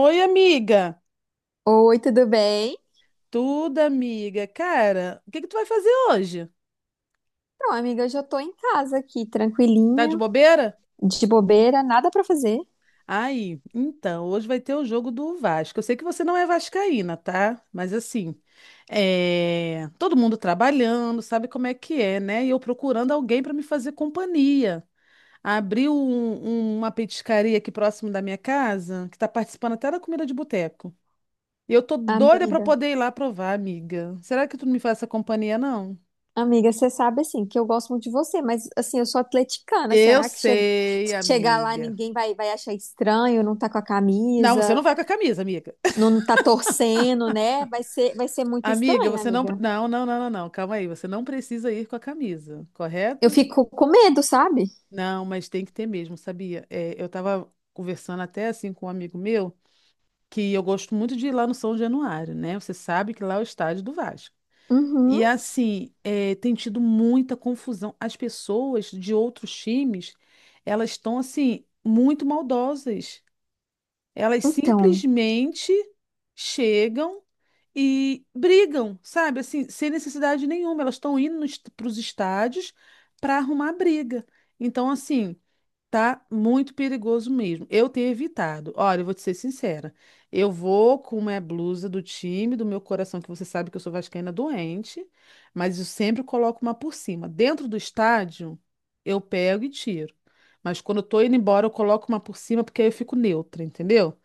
Oi, amiga. Oi, tudo bem? Tudo, amiga. Cara, o que que tu vai fazer hoje? Então, amiga, eu já tô em casa aqui, Tá de tranquilinha, bobeira? de bobeira, nada pra fazer. Aí, então, hoje vai ter o jogo do Vasco. Eu sei que você não é vascaína, tá? Mas assim, todo mundo trabalhando, sabe como é que é, né? E eu procurando alguém para me fazer companhia. Abriu uma petiscaria aqui próximo da minha casa, que tá participando até da comida de boteco. E eu tô doida para Amiga, poder ir lá provar, amiga. Será que tu não me faz essa companhia, não? amiga, você sabe assim que eu gosto muito de você, mas assim, eu sou atleticana. Eu sei, Se chegar lá amiga. ninguém vai, vai achar estranho, não tá com a Não, você não camisa, vai com a camisa, amiga. não tá torcendo, né? Vai ser muito Amiga, estranho, você não. amiga. Não, não, não, não, não. Calma aí. Você não precisa ir com a camisa, Eu correto? fico com medo, sabe? Não, mas tem que ter mesmo, sabia? É, eu estava conversando até assim com um amigo meu que eu gosto muito de ir lá no São Januário, né? Você sabe que lá é o estádio do Vasco. Uhum. E assim, é, tem tido muita confusão. As pessoas de outros times, elas estão assim, muito maldosas. Elas Então, simplesmente chegam e brigam, sabe? Assim, sem necessidade nenhuma. Elas estão indo para os estádios para arrumar briga. Então, assim, tá muito perigoso mesmo. Eu tenho evitado. Olha, eu vou te ser sincera. Eu vou com uma blusa do time, do meu coração, que você sabe que eu sou vascaína doente, mas eu sempre coloco uma por cima. Dentro do estádio, eu pego e tiro. Mas quando eu tô indo embora, eu coloco uma por cima, porque aí eu fico neutra, entendeu?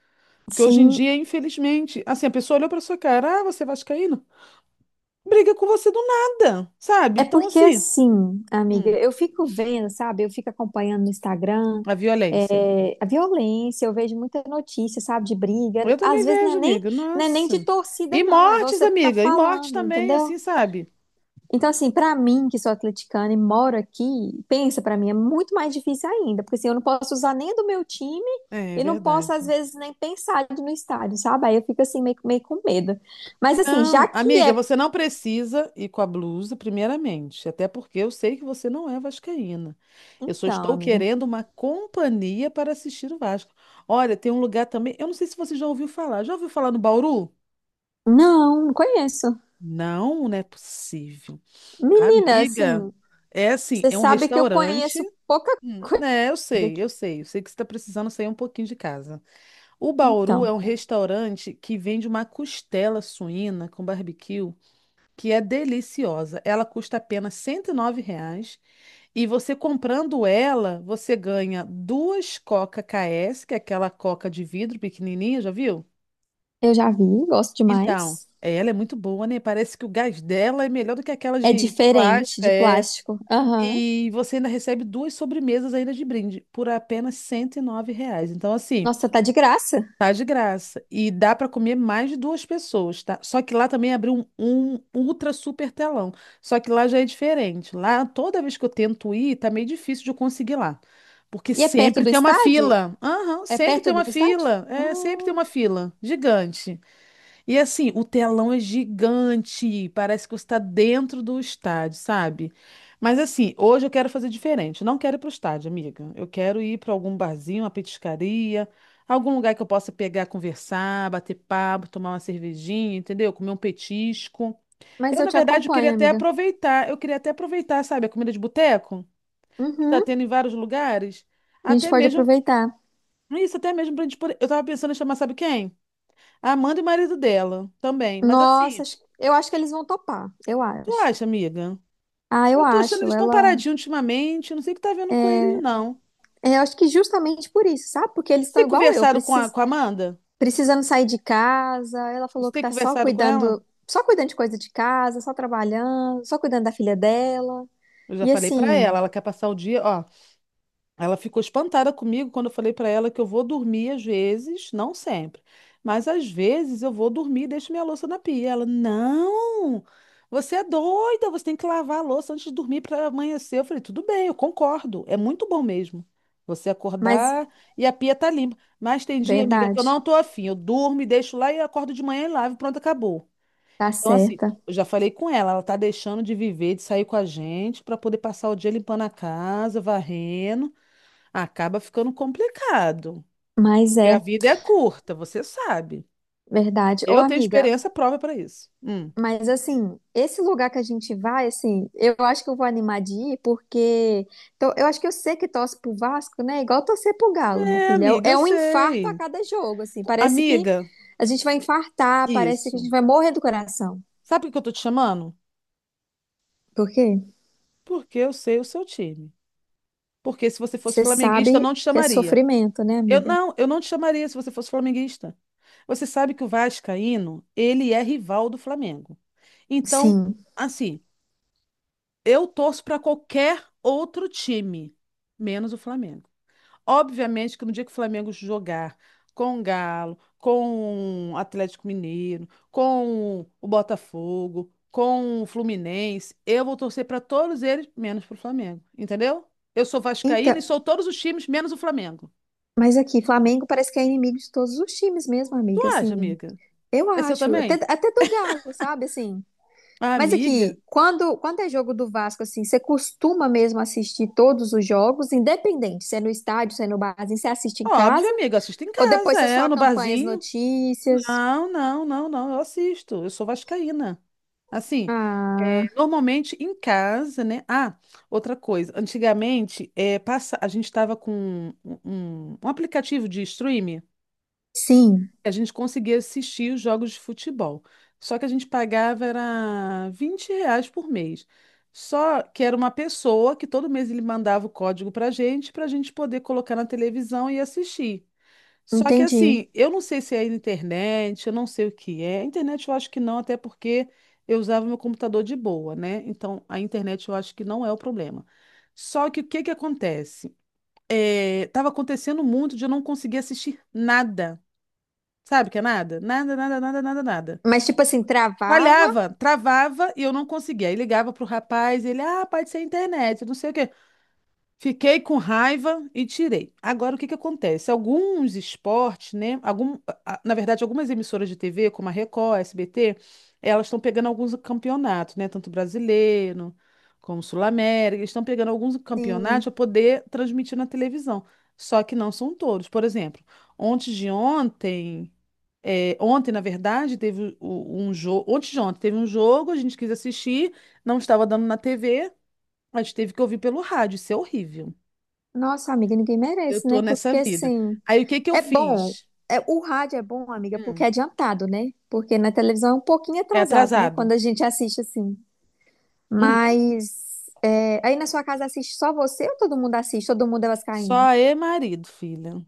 Porque hoje em sim. dia, infelizmente, assim, a pessoa olhou pra sua cara, ah, você é vascaíno? Briga com você do nada, sabe? É Então, porque assim, assim, amiga, hum, eu fico vendo, sabe? Eu fico acompanhando no Instagram, a violência. A violência, eu vejo muita notícia, sabe, de briga. Eu Às também vezes não é vejo, nem, amiga. não é nem de Nossa. torcida, E não, é igual mortes, você tá amiga, e mortes falando, também, entendeu? assim, sabe? Então, assim, pra mim, que sou atleticana e moro aqui, pensa, pra mim é muito mais difícil ainda, porque assim, eu não posso usar nem do meu time É, é e não posso, às verdade. vezes, nem pensar de ir no estádio, sabe? Aí eu fico assim, meio com medo. Mas assim, já Não, que amiga, é. você não precisa ir com a blusa, primeiramente, até porque eu sei que você não é vascaína. Eu só Então, estou amiga. querendo uma companhia para assistir o Vasco. Olha, tem um lugar também, eu não sei se você já ouviu falar. Já ouviu falar no Bauru? Não, não conheço. Não, não é possível. Menina, Amiga, assim, é assim, você é um sabe que eu restaurante. conheço pouca coisa. É, eu sei, eu sei. Eu sei que você está precisando sair um pouquinho de casa. O Então, Bauru é um restaurante que vende uma costela suína com barbecue, que é deliciosa. Ela custa apenas R$ 9. E você comprando ela, você ganha duas Coca KS, que é aquela coca de vidro pequenininha, já viu? eu já vi, gosto Então, demais. é, ela é muito boa, né? Parece que o gás dela é melhor do que aquela É de diferente plástica, de é. plástico. Aham. E você ainda recebe duas sobremesas ainda de brinde por apenas R$ 109. Então, assim, Nossa, tá de graça. tá de graça. E dá para comer mais de duas pessoas, tá? Só que lá também abriu um ultra super telão. Só que lá já é diferente. Lá, toda vez que eu tento ir, tá meio difícil de eu conseguir lá. Porque E é perto sempre do tem uma estádio? fila. Aham, É sempre perto tem uma do estádio? fila. É, sempre tem uma fila. Gigante. E assim, o telão é gigante, parece que você está dentro do estádio, sabe? Mas assim, hoje eu quero fazer diferente. Eu não quero ir para o estádio, amiga. Eu quero ir para algum barzinho, uma petiscaria, algum lugar que eu possa pegar, conversar, bater papo, tomar uma cervejinha, entendeu? Comer um petisco. Mas Eu, eu na te verdade, eu queria acompanho, até amiga. aproveitar, eu queria até aproveitar, sabe, a comida de boteco que está Uhum. tendo em vários lugares, A gente até pode mesmo aproveitar. isso, até mesmo para gente poder... Eu tava pensando em chamar, sabe quem? A Amanda e o marido dela também. Mas Nossa, assim, eu acho que eles vão topar. Eu tu acho. acha, amiga? Ah, eu Eu tô achando que acho. eles estão Ela. paradinhos ultimamente. Eu não sei o que tá vendo com eles, não. Eu acho que justamente por isso, sabe? Porque eles Você estão tem igual eu. conversado com a Amanda? Precisando sair de casa. Ela Você falou que tem tá conversado com ela? Só cuidando de coisa de casa, só trabalhando, só cuidando da filha dela. Eu já E falei pra assim, ela. Ela quer passar o dia. Ó, ela ficou espantada comigo quando eu falei para ela que eu vou dormir às vezes, não sempre, mas às vezes eu vou dormir e deixo minha louça na pia. Ela, não, você é doida, você tem que lavar a louça antes de dormir para amanhecer. Eu falei, tudo bem, eu concordo, é muito bom mesmo. Você mas acordar e a pia tá limpa. Mas tem dia, amiga, que eu verdade, não tô afim. Eu durmo e deixo lá e acordo de manhã e lavo, e pronto, acabou. tá Então, assim, certa. eu já falei com ela, ela tá deixando de viver, de sair com a gente para poder passar o dia limpando a casa, varrendo. Acaba ficando complicado. Mas Porque a é vida é curta, você sabe. verdade. Ô, Eu tenho amiga, experiência prova para isso. Hum. mas assim, esse lugar que a gente vai, assim, eu acho que eu vou animar de ir, porque eu acho que eu sei que torce pro Vasco, né? Igual torcer pro Galo, minha É, filha. amiga, eu É um infarto a sei. cada jogo, assim. Parece que Amiga, a gente vai infartar, parece que a isso. gente vai morrer do coração. Sabe por que eu tô te chamando? Por quê? Porque eu sei o seu time. Porque se você fosse Você flamenguista, eu sabe não te que é chamaria. sofrimento, né, Eu amiga? não, eu não te chamaria se você fosse flamenguista. Você sabe que o Vascaíno, ele é rival do Flamengo. Então, Sim. assim, eu torço para qualquer outro time, menos o Flamengo. Obviamente que no dia que o Flamengo jogar com o Galo, com o Atlético Mineiro, com o Botafogo, com o Fluminense, eu vou torcer para todos eles, menos para o Flamengo. Entendeu? Eu sou vascaína e Então, sou todos os times, menos o Flamengo. mas aqui, Flamengo parece que é inimigo de todos os times mesmo, Tu amiga, acha, assim, amiga? eu É seu acho, também? até do Galo, sabe, assim. Ah, Mas amiga? aqui, quando é jogo do Vasco, assim, você costuma mesmo assistir todos os jogos, independente, se é no estádio, se é no barzinho, você assiste em Óbvio, casa, amiga, eu assisto em ou depois casa, você só é, no acompanha as barzinho. notícias? Não, não, não, não, eu assisto. Eu sou vascaína. Assim, Ah, normalmente em casa, né? Ah, outra coisa. Antigamente, passa, a gente estava com um aplicativo de streaming, sim, a gente conseguia assistir os jogos de futebol. Só que a gente pagava era R$ 20 por mês. Só que era uma pessoa que todo mês ele mandava o código para a gente poder colocar na televisão e assistir. Só que entendi. assim, eu não sei se é internet, eu não sei o que é. A internet eu acho que não, até porque eu usava meu computador de boa, né? Então a internet eu acho que não é o problema. Só que o que que acontece? É, tava acontecendo muito de eu não conseguir assistir nada. Sabe o que é nada? Nada, nada, nada, nada, nada. Mas, tipo assim, travava? Falhava, travava e eu não conseguia. Aí ligava pro rapaz, ele, ah, pode ser a internet, não sei o quê. Fiquei com raiva e tirei. Agora, o que que acontece? Alguns esportes, né? Algum, na verdade, algumas emissoras de TV, como a Record, a SBT, elas estão pegando alguns campeonatos, né? Tanto brasileiro como Sul-América, eles estão pegando alguns campeonatos para Sim. poder transmitir na televisão. Só que não são todos. Por exemplo, ontem de ontem, ontem, na verdade, teve um jogo. Ontem de ontem teve um jogo, a gente quis assistir, não estava dando na TV, a gente teve que ouvir pelo rádio. Isso é horrível. Nossa, amiga, ninguém Eu merece, tô né? nessa Porque, vida. assim, Aí o que que eu é bom. fiz? É, o rádio é bom, amiga, porque Hum, é adiantado, né? Porque na televisão é um pouquinho é atrasado, né? atrasado. Quando a gente assiste assim. Uhum. Mas é, aí na sua casa assiste só você ou todo mundo assiste? Todo mundo é vascaíno? Só é marido, filha.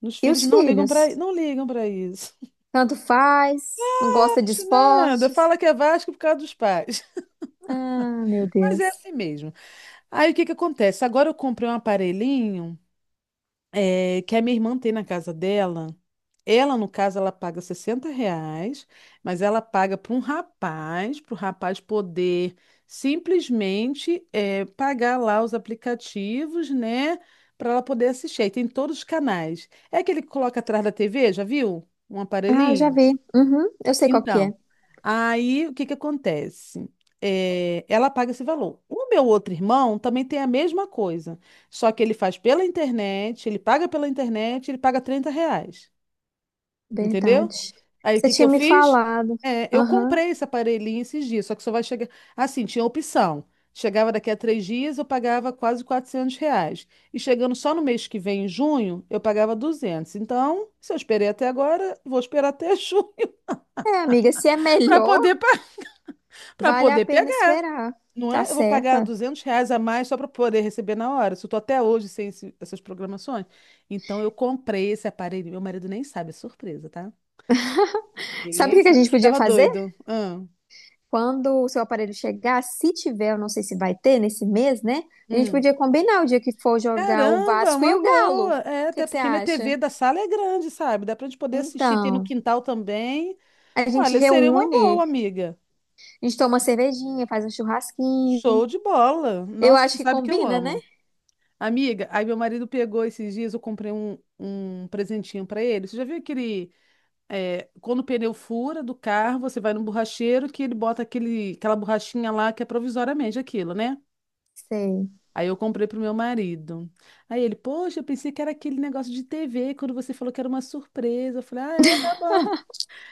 Os E filhos os não ligam filhos? para não ligam para isso. Tanto faz, não gosta de Acho nada. esportes. Fala que é Vasco por causa dos pais. Ah, meu Mas é Deus. assim mesmo. Aí o que que acontece? Agora eu comprei um aparelhinho que a minha irmã tem na casa dela. Ela, no caso, ela paga R$ 60, mas ela paga para um rapaz, para o rapaz poder simplesmente pagar lá os aplicativos, né? Para ela poder assistir. Aí tem todos os canais. É aquele que coloca atrás da TV, já viu? Um Ah, já aparelhinho? vi. Uhum, eu sei qual que Então, é. aí o que que acontece? É, ela paga esse valor. O meu outro irmão também tem a mesma coisa, só que ele faz pela internet, ele paga pela internet, ele paga R$ 30, entendeu? Verdade. Aí o Você que que tinha eu me fiz? falado. É, eu Aham. comprei esse aparelhinho esses dias, só que só vai chegar. Assim, tinha opção. Chegava daqui a 3 dias, eu pagava quase R$ 400. E chegando só no mês que vem, em junho, eu pagava 200. Então, se eu esperei até agora, vou esperar até junho É, amiga, se é para melhor, poder para vale a poder pena pegar, esperar. não Tá é? Eu vou pagar certa. R$ 200 a mais só para poder receber na hora. Se eu tô até hoje sem essas programações. Então eu comprei esse aparelho. Meu marido nem sabe, é surpresa, tá? Sabe o Ele que que a sabe, gente porque ele podia tava fazer? doido. Ah, Quando o seu aparelho chegar, se tiver, eu não sei se vai ter nesse mês, né? A gente hum. podia combinar o dia que for jogar o Caramba, Vasco e uma o Galo. O boa. É, que até que você porque minha acha? TV da sala é grande, sabe? Dá pra gente poder assistir, tem no Então, quintal também. a gente Olha, seria uma reúne, boa, amiga. a gente toma uma cervejinha, faz um churrasquinho. Show de bola. Eu Nossa, acho você que sabe que eu combina, né? amo. Amiga, aí meu marido pegou esses dias, eu comprei um presentinho pra ele. Você já viu aquele, quando o pneu fura do carro, você vai no borracheiro que ele bota aquele, aquela borrachinha lá que é provisoriamente aquilo, né? Sei. Aí eu comprei pro meu marido. Aí ele, poxa, eu pensei que era aquele negócio de TV, quando você falou que era uma surpresa. Eu falei, ah, é, tá bom.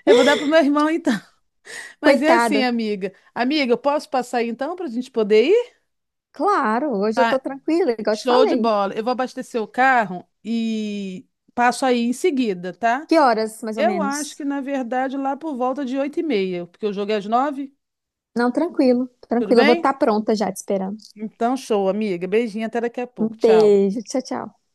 Eu vou dar pro meu irmão então. Mas é assim, Coitado. amiga. Amiga, eu posso passar aí então pra gente poder ir? Claro, hoje eu tô Tá, tranquila, igual eu te show de falei. bola. Eu vou abastecer o carro e passo aí em seguida, tá? Que horas, mais ou Eu menos? acho que, na verdade, lá por volta de 8h30, porque o jogo é às 9h, Não, tranquilo, tudo tranquilo. Eu vou bem? estar pronta já te esperando. Então, show, amiga. Beijinho, até daqui a Um pouco. Tchau. beijo, tchau, tchau.